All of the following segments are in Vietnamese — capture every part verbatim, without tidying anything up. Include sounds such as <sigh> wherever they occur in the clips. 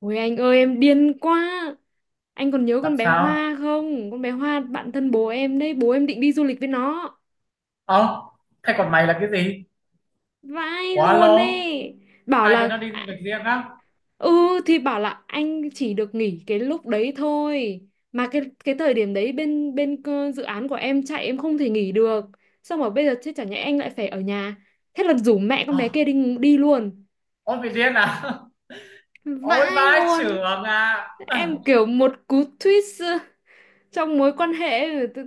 Ôi anh ơi, em điên quá. Anh còn nhớ Làm con bé sao? Hoa không? Con bé Hoa bạn thân bố em đấy. Bố em định đi du lịch với nó. Ờ. Thế còn mày là cái gì? Vãi Quá luôn lâu. ấy. Bảo Hai đứa là nó đi du à, lịch riêng á? ừ, thì bảo là anh chỉ được nghỉ cái lúc đấy thôi. Mà cái cái thời điểm đấy, bên bên cơ- dự án của em chạy, em không thể nghỉ được. Xong rồi bây giờ chứ chẳng nhẽ anh lại phải ở nhà? Thế là rủ mẹ con bé Ờ. kia đi đi luôn. Ôi, bị điên à? <laughs> Ôi, Vãi vãi luôn. chưởng à? <laughs> Em <clears throat> kiểu một cú twist trong mối quan hệ, tự-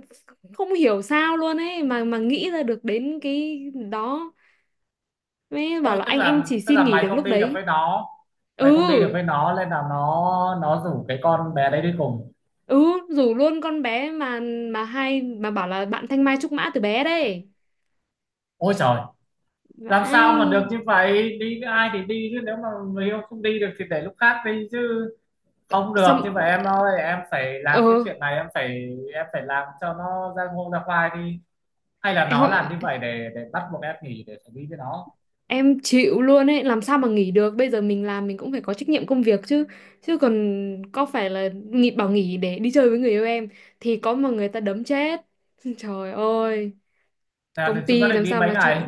không hiểu sao luôn ấy, mà mà nghĩ ra được đến cái đó. Mới bảo Ôi, là tức anh anh là chỉ tức xin là nghỉ mày được không lúc đi được với đấy. nó. Ừ. Mày không đi được với nó nên là nó nó rủ cái con bé đấy đi cùng. Ừ, rủ luôn con bé mà mà hai mà bảo là bạn Thanh Mai trúc mã từ bé đấy. Ôi trời. Làm sao mà được Vãi. như vậy, đi với ai thì đi chứ, nếu mà người yêu không đi được thì để lúc khác đi chứ. Không Xong. được như vậy em ơi, em phải Ờ, làm cái chuyện này, em phải em phải làm cho nó ra ngô ra khoai đi. Hay là nó làm như em, vậy để để bắt buộc em nghỉ để xử lý với nó? em chịu luôn ấy, làm sao mà nghỉ được? Bây giờ mình làm mình cũng phải có trách nhiệm công việc chứ. Chứ còn có phải là nghỉ, bảo nghỉ để đi chơi với người yêu em thì có mà người ta đấm chết. <laughs> Trời ơi. Công Là chúng nó ty định làm đi sao mấy mà chạy. ngày?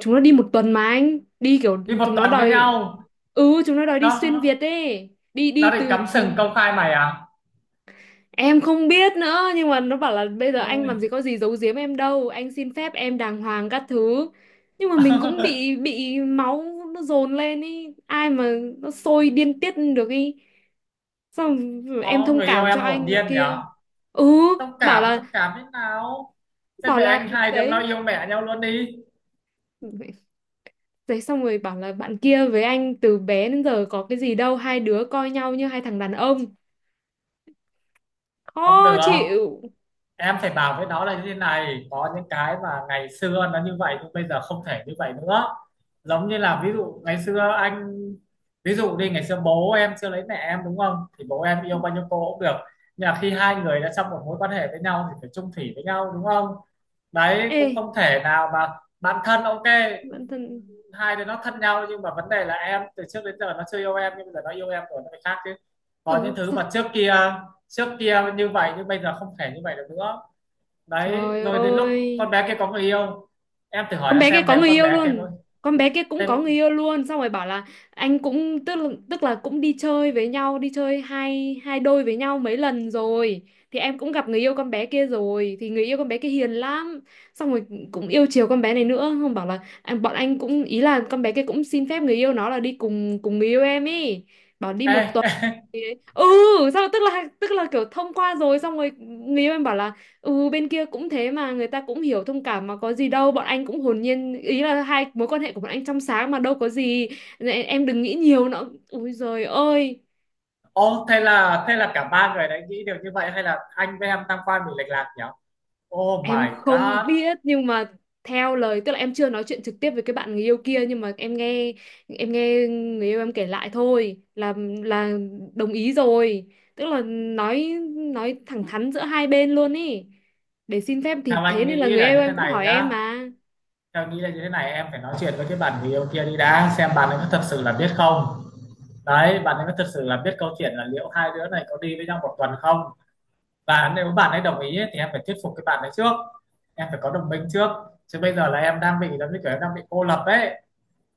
Chúng nó đi một tuần mà anh đi kiểu Đi một chúng nó tuần với đòi. nhau? Ừ, chúng nó đòi đi xuyên nó Việt ấy. Đi nó đi định từ... cắm sừng công khai mày à? Em không biết nữa, nhưng mà nó bảo là bây giờ anh Ôi. làm gì có gì giấu giếm em đâu, anh xin phép em đàng hoàng các thứ. Nhưng mà mình cũng bị <laughs> bị máu nó dồn lên ý, ai mà nó sôi điên tiết được ý. Xong. Em Ồ, thông người yêu cảm em cho hồn anh nọ nhiên nhở. kia. Ừ. xúc bảo cảm là xúc cảm thế nào? Thế bảo về là anh, hai đứa nó đấy. yêu mẹ nhau luôn đi. Đấy, xong rồi bảo là bạn kia với anh từ bé đến giờ có cái gì đâu, hai đứa coi nhau như hai thằng đàn ông. Không Khó được. chịu. Em phải bảo với nó là như thế này: có những cái mà ngày xưa nó như vậy nhưng bây giờ không thể như vậy nữa. Giống như là ví dụ ngày xưa anh. Ví dụ đi, ngày xưa bố em chưa lấy mẹ em đúng không, thì bố em yêu bao nhiêu cô cũng được. Nhưng mà khi hai người đã trong một mối quan hệ với nhau thì phải chung thủy với nhau đúng không? Đấy, Ê. cũng không thể nào mà. Bạn thân ok. Bản thân. Hai đứa nó thân nhau, nhưng mà vấn đề là em, từ trước đến giờ nó chưa yêu em nhưng bây giờ nó yêu em rồi, nó phải khác chứ. Có những Ồ thứ sao- mà trước kia trước kia như vậy nhưng bây giờ không thể như vậy được nữa. Đấy, trời rồi đến lúc ơi, con bé kia có người yêu. Em thử hỏi con nó bé kia xem có nếu người con yêu bé kia luôn. có Con bé kia cũng thêm. có người yêu luôn, xong rồi bảo là anh cũng tức là, tức là cũng đi chơi với nhau, đi chơi hai hai đôi với nhau mấy lần rồi, thì em cũng gặp người yêu con bé kia rồi, thì người yêu con bé kia hiền lắm. Xong rồi cũng yêu chiều con bé này nữa. Không, bảo là anh bọn anh cũng ý là con bé kia cũng xin phép người yêu nó là đi cùng cùng người yêu em ý. Bảo đi một. Ê. Ý ấy. Ừ, sao tức là tức là kiểu thông qua rồi, xong rồi người yêu em bảo là ừ bên kia cũng thế mà, người ta cũng hiểu thông cảm mà, có gì đâu, bọn anh cũng hồn nhiên ý là hai mối quan hệ của bọn anh trong sáng mà đâu có gì. Nên em đừng nghĩ nhiều nữa. Ui giời ơi. <laughs> Ô, thế là thế là cả ba người đấy nghĩ đều như vậy, hay là anh với em tam quan bị lệch lạc nhỉ? Oh Em my không god. biết, nhưng mà theo lời tức là em chưa nói chuyện trực tiếp với cái bạn người yêu kia, nhưng mà em nghe, em nghe người yêu em kể lại thôi là là đồng ý rồi. Tức là nói nói thẳng thắn giữa hai bên luôn ý. Để xin phép thì Theo thế, anh nên là nghĩ người là yêu như thế em cũng này hỏi em nhá. mà. Theo anh nghĩ là như thế này, em phải nói chuyện với cái bạn người yêu kia đi đã, xem bạn ấy có thật sự là biết không. Đấy, bạn ấy có thật sự là biết câu chuyện, là liệu hai đứa này có đi với nhau một tuần không. Và nếu bạn ấy đồng ý ấy, thì em phải thuyết phục cái bạn ấy trước. Em phải có đồng minh trước. Chứ bây giờ là em đang bị, giống như kiểu em đang bị cô lập ấy.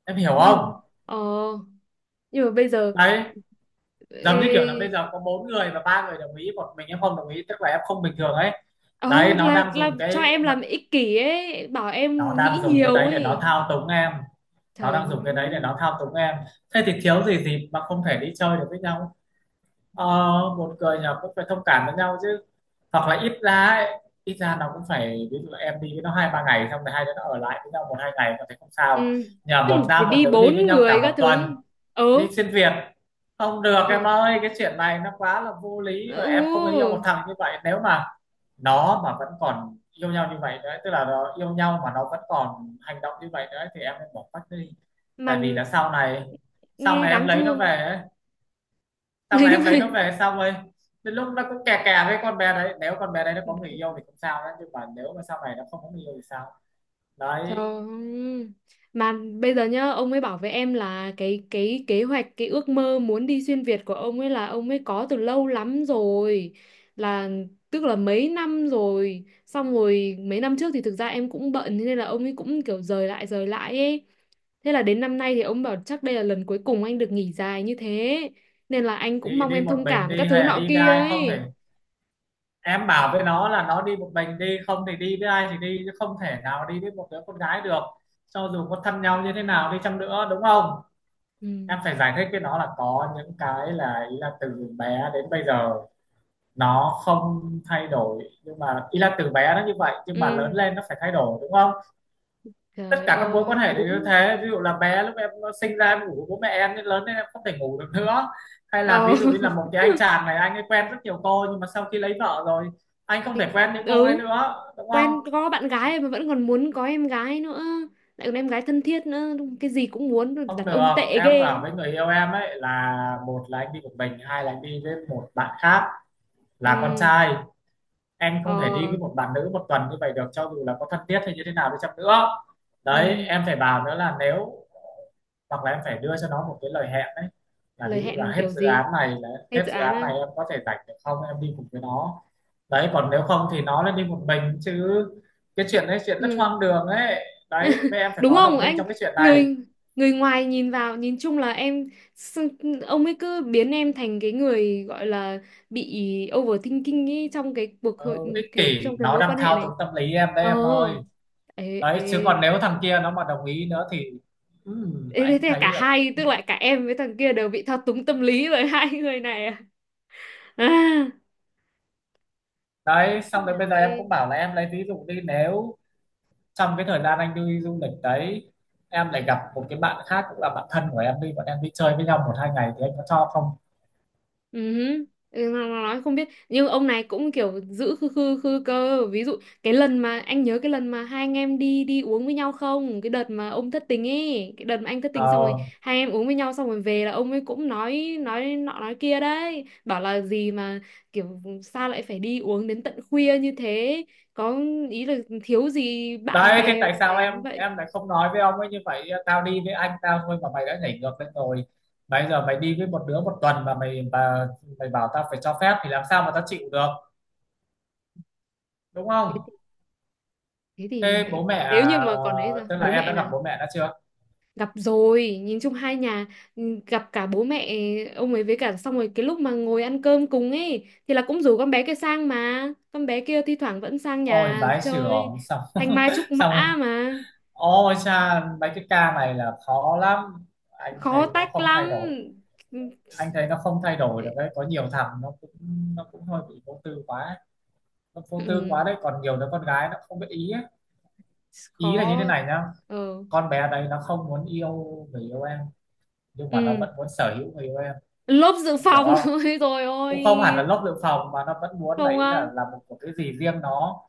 Em hiểu không? Nhưng ờ, nhưng mà bây giờ Đấy, giống như kiểu là bây ê, giờ có bốn người và ba người đồng ý, một mình em không đồng ý tức là em không bình thường ấy. Đấy, ờ nó là đang là dùng cho cái em làm ích kỷ ấy, bảo nó em nghĩ đang dùng cái nhiều đấy để nó ấy. thao túng em. Nó Trời đang dùng cái má. đấy để nó thao túng em. Thế thì thiếu gì dịp mà không thể đi chơi được với nhau. Ờ. Một người nhỏ cũng phải thông cảm với nhau chứ. Hoặc là ít ra ấy, ít ra nó cũng phải, ví dụ là em đi với nó hai ba ngày xong rồi hai đứa nó ở lại với nhau một hai ngày có thể không sao. Ừ. Nhờ Tức là một phải nam một đi nữ đi bốn với nhau người cả các một tuần. thứ. Ừ. Đi xuyên Việt. Không được em ơi, cái chuyện này nó quá là vô lý và em không nên yêu Ừ. một thằng như vậy, nếu mà nó mà vẫn còn yêu nhau như vậy nữa, tức là nó yêu nhau mà nó vẫn còn hành động như vậy nữa thì em nên bỏ quách đi. Mà Tại vì là sau này sau nghe này em đáng lấy nó thương. về ấy, <laughs> sau Lấy này nó em lấy nó về. về xong rồi đến lúc nó cũng kè kè với con bé đấy, nếu con bé đấy nó có người yêu thì không sao đấy, nhưng mà nếu mà sau này nó không có người yêu thì sao? Trời Đấy. ơi. Mà bây giờ nhá, ông ấy bảo với em là cái cái kế hoạch, cái ước mơ muốn đi xuyên Việt của ông ấy là ông ấy có từ lâu lắm rồi. Là tức là mấy năm rồi. Xong rồi mấy năm trước thì thực ra em cũng bận, thế nên là ông ấy cũng kiểu rời lại rời lại ấy. Thế là đến năm nay thì ông bảo chắc đây là lần cuối cùng anh được nghỉ dài như thế. Nên là anh cũng Thì mong đi em một thông mình cảm các đi hay thứ là nọ đi với kia ai, không thể. ấy. Em bảo với nó là nó đi một mình đi, không thì đi với ai thì đi chứ, không thể nào đi với một đứa con gái được. Cho dù có thân nhau như thế nào đi chăng nữa đúng không? Ừ. Em phải giải thích với nó là có những cái, là ý là từ bé đến bây giờ nó không thay đổi, nhưng mà ý là từ bé nó như vậy nhưng mà lớn Ừ. lên nó phải thay đổi đúng không? Tất Trời cả các mối ơi, quan hệ đều như đúng. thế, ví dụ là bé lúc em sinh ra em ngủ với bố mẹ em, nên lớn lên em không thể ngủ được nữa. Hay là Ờ. ví dụ như là <laughs> một cái anh chàng này, anh ấy quen rất nhiều cô nhưng mà sau khi lấy vợ rồi anh không Thì, thể quen những cô đấy ừ, nữa đúng không? quen có bạn gái mà vẫn còn muốn có em gái nữa, lại còn em gái thân thiết nữa, cái gì cũng muốn. Không Đàn ông được. tệ ghê Em ấy. bảo với người yêu em ấy là: một là anh đi một mình, hai là anh đi với một bạn khác, là con Ừ. trai. Em không thể đi Ờ. với một bạn nữ một tuần như vậy được, cho dù là có thân thiết hay như thế nào đi chăng nữa. Đấy Ừ. em phải bảo nữa là nếu, hoặc là em phải đưa cho nó một cái lời hẹn đấy. Là Lời ví dụ là hẹn hết kiểu dự án gì? này là, Hay hết dự dự án án à? này em có thể rảnh được không, em đi cùng với nó. Đấy còn nếu không thì nó lên đi một mình chứ. Cái chuyện đấy, chuyện rất Ừ. hoang đường ấy. Đấy với em phải Đúng có không đồng minh anh? trong cái chuyện này. Người, người ngoài nhìn vào nhìn chung là em, s- ông ấy cứ biến em thành cái người gọi là bị overthinking ấy, trong cái cuộc hội, Ừ, ích kiểu kỷ, trong cái nó mối đang quan hệ thao túng này. tâm lý em đấy Ờ. em ơi. Ê. Đấy Ê. chứ còn nếu thằng kia nó mà đồng ý nữa thì, ừm, Ê, thế anh thế thấy cả là. hai tức là cả em với thằng kia đều bị thao túng tâm lý bởi <laughs> hai người này à, à. Đấy xong rồi bây Nào giờ em cũng ghê. bảo là em lấy ví dụ đi, nếu trong cái thời gian anh đi du lịch đấy, em lại gặp một cái bạn khác cũng là bạn thân của em đi, bọn em đi chơi với nhau một hai ngày thì anh có cho không? Ừ. Hứ. Ừ, nó nó nói không biết, nhưng ông này cũng kiểu giữ khư khư khư cơ. Ví dụ cái lần mà anh nhớ, cái lần mà hai anh em đi đi uống với nhau không, cái đợt mà ông thất tình ấy, cái đợt mà anh thất tình, xong rồi Ờ. hai anh em uống với nhau xong rồi về là ông ấy cũng nói nói nọ nói kia đấy, bảo là gì mà kiểu sao lại phải đi uống đến tận khuya như thế. Có ý là thiếu gì bạn Đấy thế bè mà tại sao phải em như vậy. em lại không nói với ông ấy như vậy: tao đi với anh tao thôi mà mày đã nhảy ngược lên rồi, bây giờ mày đi với một đứa một tuần mà mày mà, mày bảo tao phải cho phép thì làm sao mà tao chịu được, đúng thế, không? thì- thế thì Thế mẹ bố mẹ, nếu như mà còn đấy sao ờ, tức là bố em mẹ đã gặp là bố mẹ đã chưa? gặp rồi, nhìn chung hai nhà. Ừ, gặp cả bố mẹ ông ấy, với cả xong rồi cái lúc mà ngồi ăn cơm cùng ấy thì là cũng rủ con bé kia sang, mà con bé kia thi thoảng vẫn sang Ôi nhà vãi chơi. chưởng xong. Thanh <laughs> Mai trúc mã Xong. mà. Ôi cha, mấy cái ca này là khó lắm. Anh thấy Khó nó tách không thay lắm. đổi. Ừ. Anh thấy nó không thay đổi Ừ. được đấy. Có nhiều thằng nó cũng nó cũng hơi bị vô tư quá. Ấy. Nó vô tư Ừ. quá đấy. Còn nhiều đứa con gái nó không biết ý ấy. Ý là như thế Khó. này nhá. Ừ. Con bé đấy nó không muốn yêu người yêu em. Nhưng mà nó Ừ. vẫn muốn sở hữu người yêu em. Lốp dự Em hiểu phòng. không? <laughs> Ôi rồi ôi. Cũng không hẳn là lốc dự phòng mà nó vẫn muốn là, Không ý á. là là một, một cái gì riêng nó.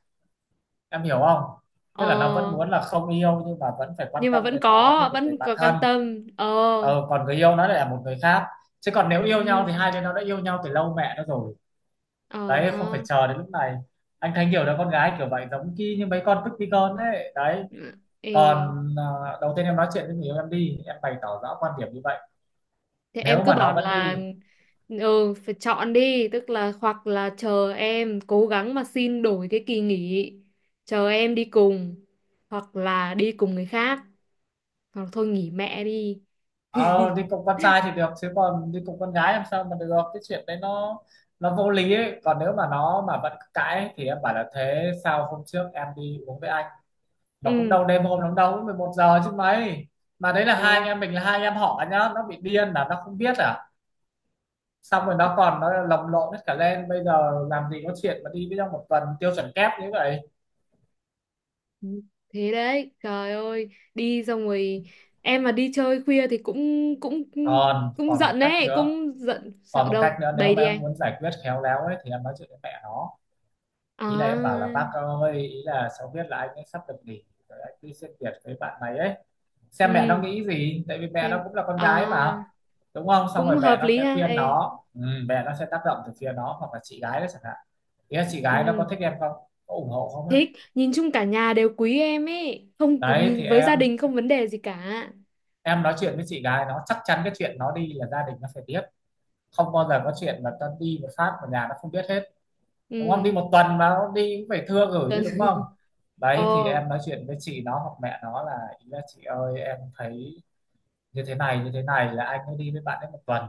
Em hiểu không? Ờ, Tức là nó vẫn muốn là không yêu nhưng mà vẫn phải quan nhưng mà tâm vẫn đến nó như có một người vẫn bạn có thân. quan tâm. Ờ. ờ, Còn người yêu nó lại là một người khác, chứ còn nếu yêu nhau Ừ, thì hai đứa nó đã yêu nhau từ lâu mẹ nó rồi. ờ Đấy không phải ha. chờ đến lúc này. Anh thấy nhiều đứa con gái kiểu vậy, giống như, như mấy con tức tí con ấy đấy. Ê, Còn ờ, đầu tiên em nói chuyện với người yêu em đi, em bày tỏ rõ quan điểm như vậy. thế em Nếu cứ mà nó bảo vẫn là đi, ừ phải chọn đi, tức là hoặc là chờ em cố gắng mà xin đổi cái kỳ nghỉ, chờ em đi cùng, hoặc là đi cùng người khác, hoặc thôi nghỉ mẹ đi. ờ, <laughs> đi cùng con trai thì được chứ còn đi cùng con gái làm sao mà được, cái chuyện đấy nó nó vô lý ấy. Còn nếu mà nó mà vẫn cãi thì em bảo là, thế sao hôm trước em đi uống với anh, và cũng Ừ. đâu đêm hôm lắm đâu, cũng một giờ chứ mấy. Mà đấy là hai anh em mình là hai anh em họ nhá, nó bị điên là nó không biết à? Xong rồi nó còn nó lồng lộn hết cả lên, bây giờ làm gì có chuyện mà đi với trong một tuần tiêu chuẩn kép như vậy. Ừ. Thế đấy, trời ơi, đi xong rồi em mà đi chơi khuya thì cũng cũng cũng, còn cũng còn một giận cách đấy, nữa. cũng giận sợ Còn một đâu. cách nữa, nếu Bày đi mà em anh. muốn giải quyết khéo léo ấy thì em nói chuyện với mẹ nó. Ý là em bảo là: À. bác ơi, ý là cháu biết là anh ấy sắp được nghỉ rồi, anh đi xuyên Việt với bạn này ấy, xem mẹ nó Ừ. nghĩ gì. Tại vì mẹ nó Xem cũng là con à, gái mà, đúng không? Xong rồi cũng mẹ hợp nó lý sẽ ha. khuyên Ê. nó, ừ, mẹ nó sẽ tác động từ phía nó, hoặc là chị gái đó chẳng hạn. Ý là chị gái nó Ừ, có thích em không, có ủng hộ không ấy. thích, nhìn chung cả nhà đều quý em ấy, không cứ Đấy thì nhìn với em gia đình không vấn đề gì cả. em nói chuyện với chị gái nó, chắc chắn cái chuyện nó đi là gia đình nó phải biết. Không bao giờ có chuyện mà ta đi một phát mà nhà nó không biết hết, đúng không? Ừ, Đi một tuần mà nó đi cũng phải thưa gửi cần. chứ, đúng <laughs> không? Đấy thì Ờ, em nói chuyện với chị nó hoặc mẹ nó, là ý là chị ơi, em thấy như thế này như thế này là anh ấy đi với bạn ấy một tuần.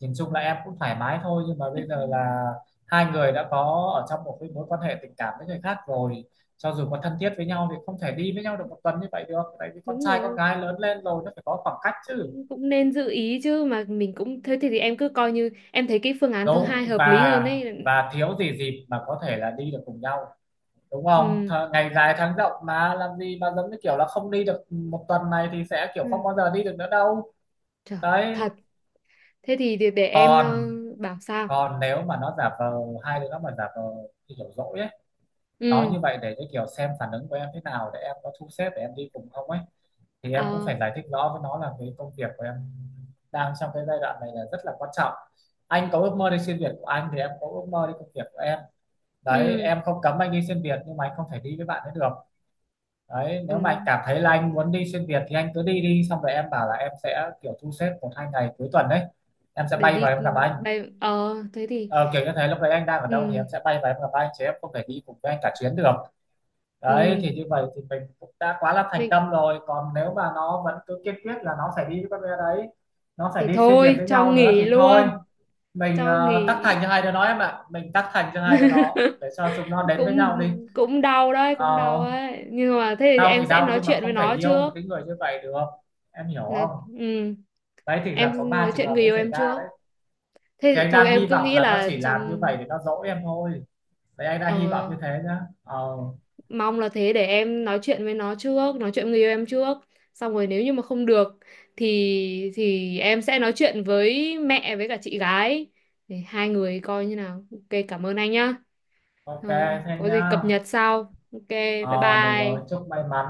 Nhìn chung là em cũng thoải mái thôi, nhưng mà bây giờ là hai người đã có ở trong một cái mối quan hệ tình cảm với người khác rồi, cho dù có thân thiết với nhau thì không thể đi với nhau được một tuần như vậy được. Tại vì con đúng trai con rồi, gái lớn lên rồi nó phải có khoảng cách chứ, cũng cũng nên giữ ý chứ, mà mình cũng thế, thì, thì em cứ coi như em thấy cái phương án thứ hai đúng. hợp lý và hơn ấy. và thiếu gì dịp mà có thể là đi được cùng nhau, đúng không Th? Ừ. Ngày dài tháng rộng mà làm gì mà giống như kiểu là không đi được một tuần này thì sẽ kiểu không Ừ. bao giờ đi được nữa đâu. Trời, Đấy. thật. Thế thì để, để em ờ, còn bảo sao? còn nếu mà nó giả vờ, hai đứa nó mà giả vờ như kiểu dỗi ấy, nói Ừ. như vậy để cái kiểu xem phản ứng của em thế nào, để em có thu xếp để em đi cùng không ấy, thì em cũng Ờ. phải giải thích rõ với nó là cái công việc của em đang trong cái giai đoạn này là rất là quan trọng. Anh có ước mơ đi xuyên Việt của anh thì em có ước mơ đi công việc của em. Đấy, Ừ. em không cấm anh đi xuyên Việt nhưng mà anh không thể đi với bạn ấy được. Đấy, nếu mà Ừ. anh cảm thấy là anh muốn đi xuyên Việt thì anh cứ đi đi, xong rồi em bảo là em sẽ kiểu thu xếp một hai ngày cuối tuần đấy em sẽ Để bay đi vào em gặp anh. bay ờ thế thì. Ờ, kiểu như thế, lúc đấy anh đang ở Ừ. đâu thì em sẽ bay và em gặp anh, chứ em không thể đi cùng với anh cả chuyến được. Đấy Ừ. thì như vậy thì mình cũng đã quá là thành Mình tâm rồi, còn nếu mà nó vẫn cứ kiên quyết là nó phải đi với con bé đấy, nó phải thì đi xuyên việt thôi với cho nhau nữa thì nghỉ thôi, luôn. mình, Cho ờ, tắc thành nghỉ. cho hai đứa nó em ạ, mình tắc thành cho hai đứa nó để <laughs> cho chúng nó đến với cũng nhau đi. cũng đau đấy, cũng Ờ, đau ấy, nhưng mà thế thì đau em thì sẽ đau nói nhưng mà chuyện với không thể nó yêu một trước. cái người như vậy được, em hiểu Nói, không? ừ, Đấy thì là có em ba nói trường chuyện hợp người mới yêu xảy em ra trước, đấy, thế thì thì anh thôi đang em hy cứ vọng nghĩ là nó chỉ là làm như vậy trong để nó dỗ em thôi. Vậy anh đã hy vọng ờ, như thế nhá. Ờ, mong là thế, để em nói chuyện với nó trước, nói chuyện người yêu em trước, xong rồi nếu như mà không được thì thì em sẽ nói chuyện với mẹ với cả chị gái để hai người coi như nào. Ok, cảm ơn anh nhá. ok Rồi, thế có gì nhá. cập nhật sau. Ok, bye Ờ, được rồi, bye. chúc may mắn.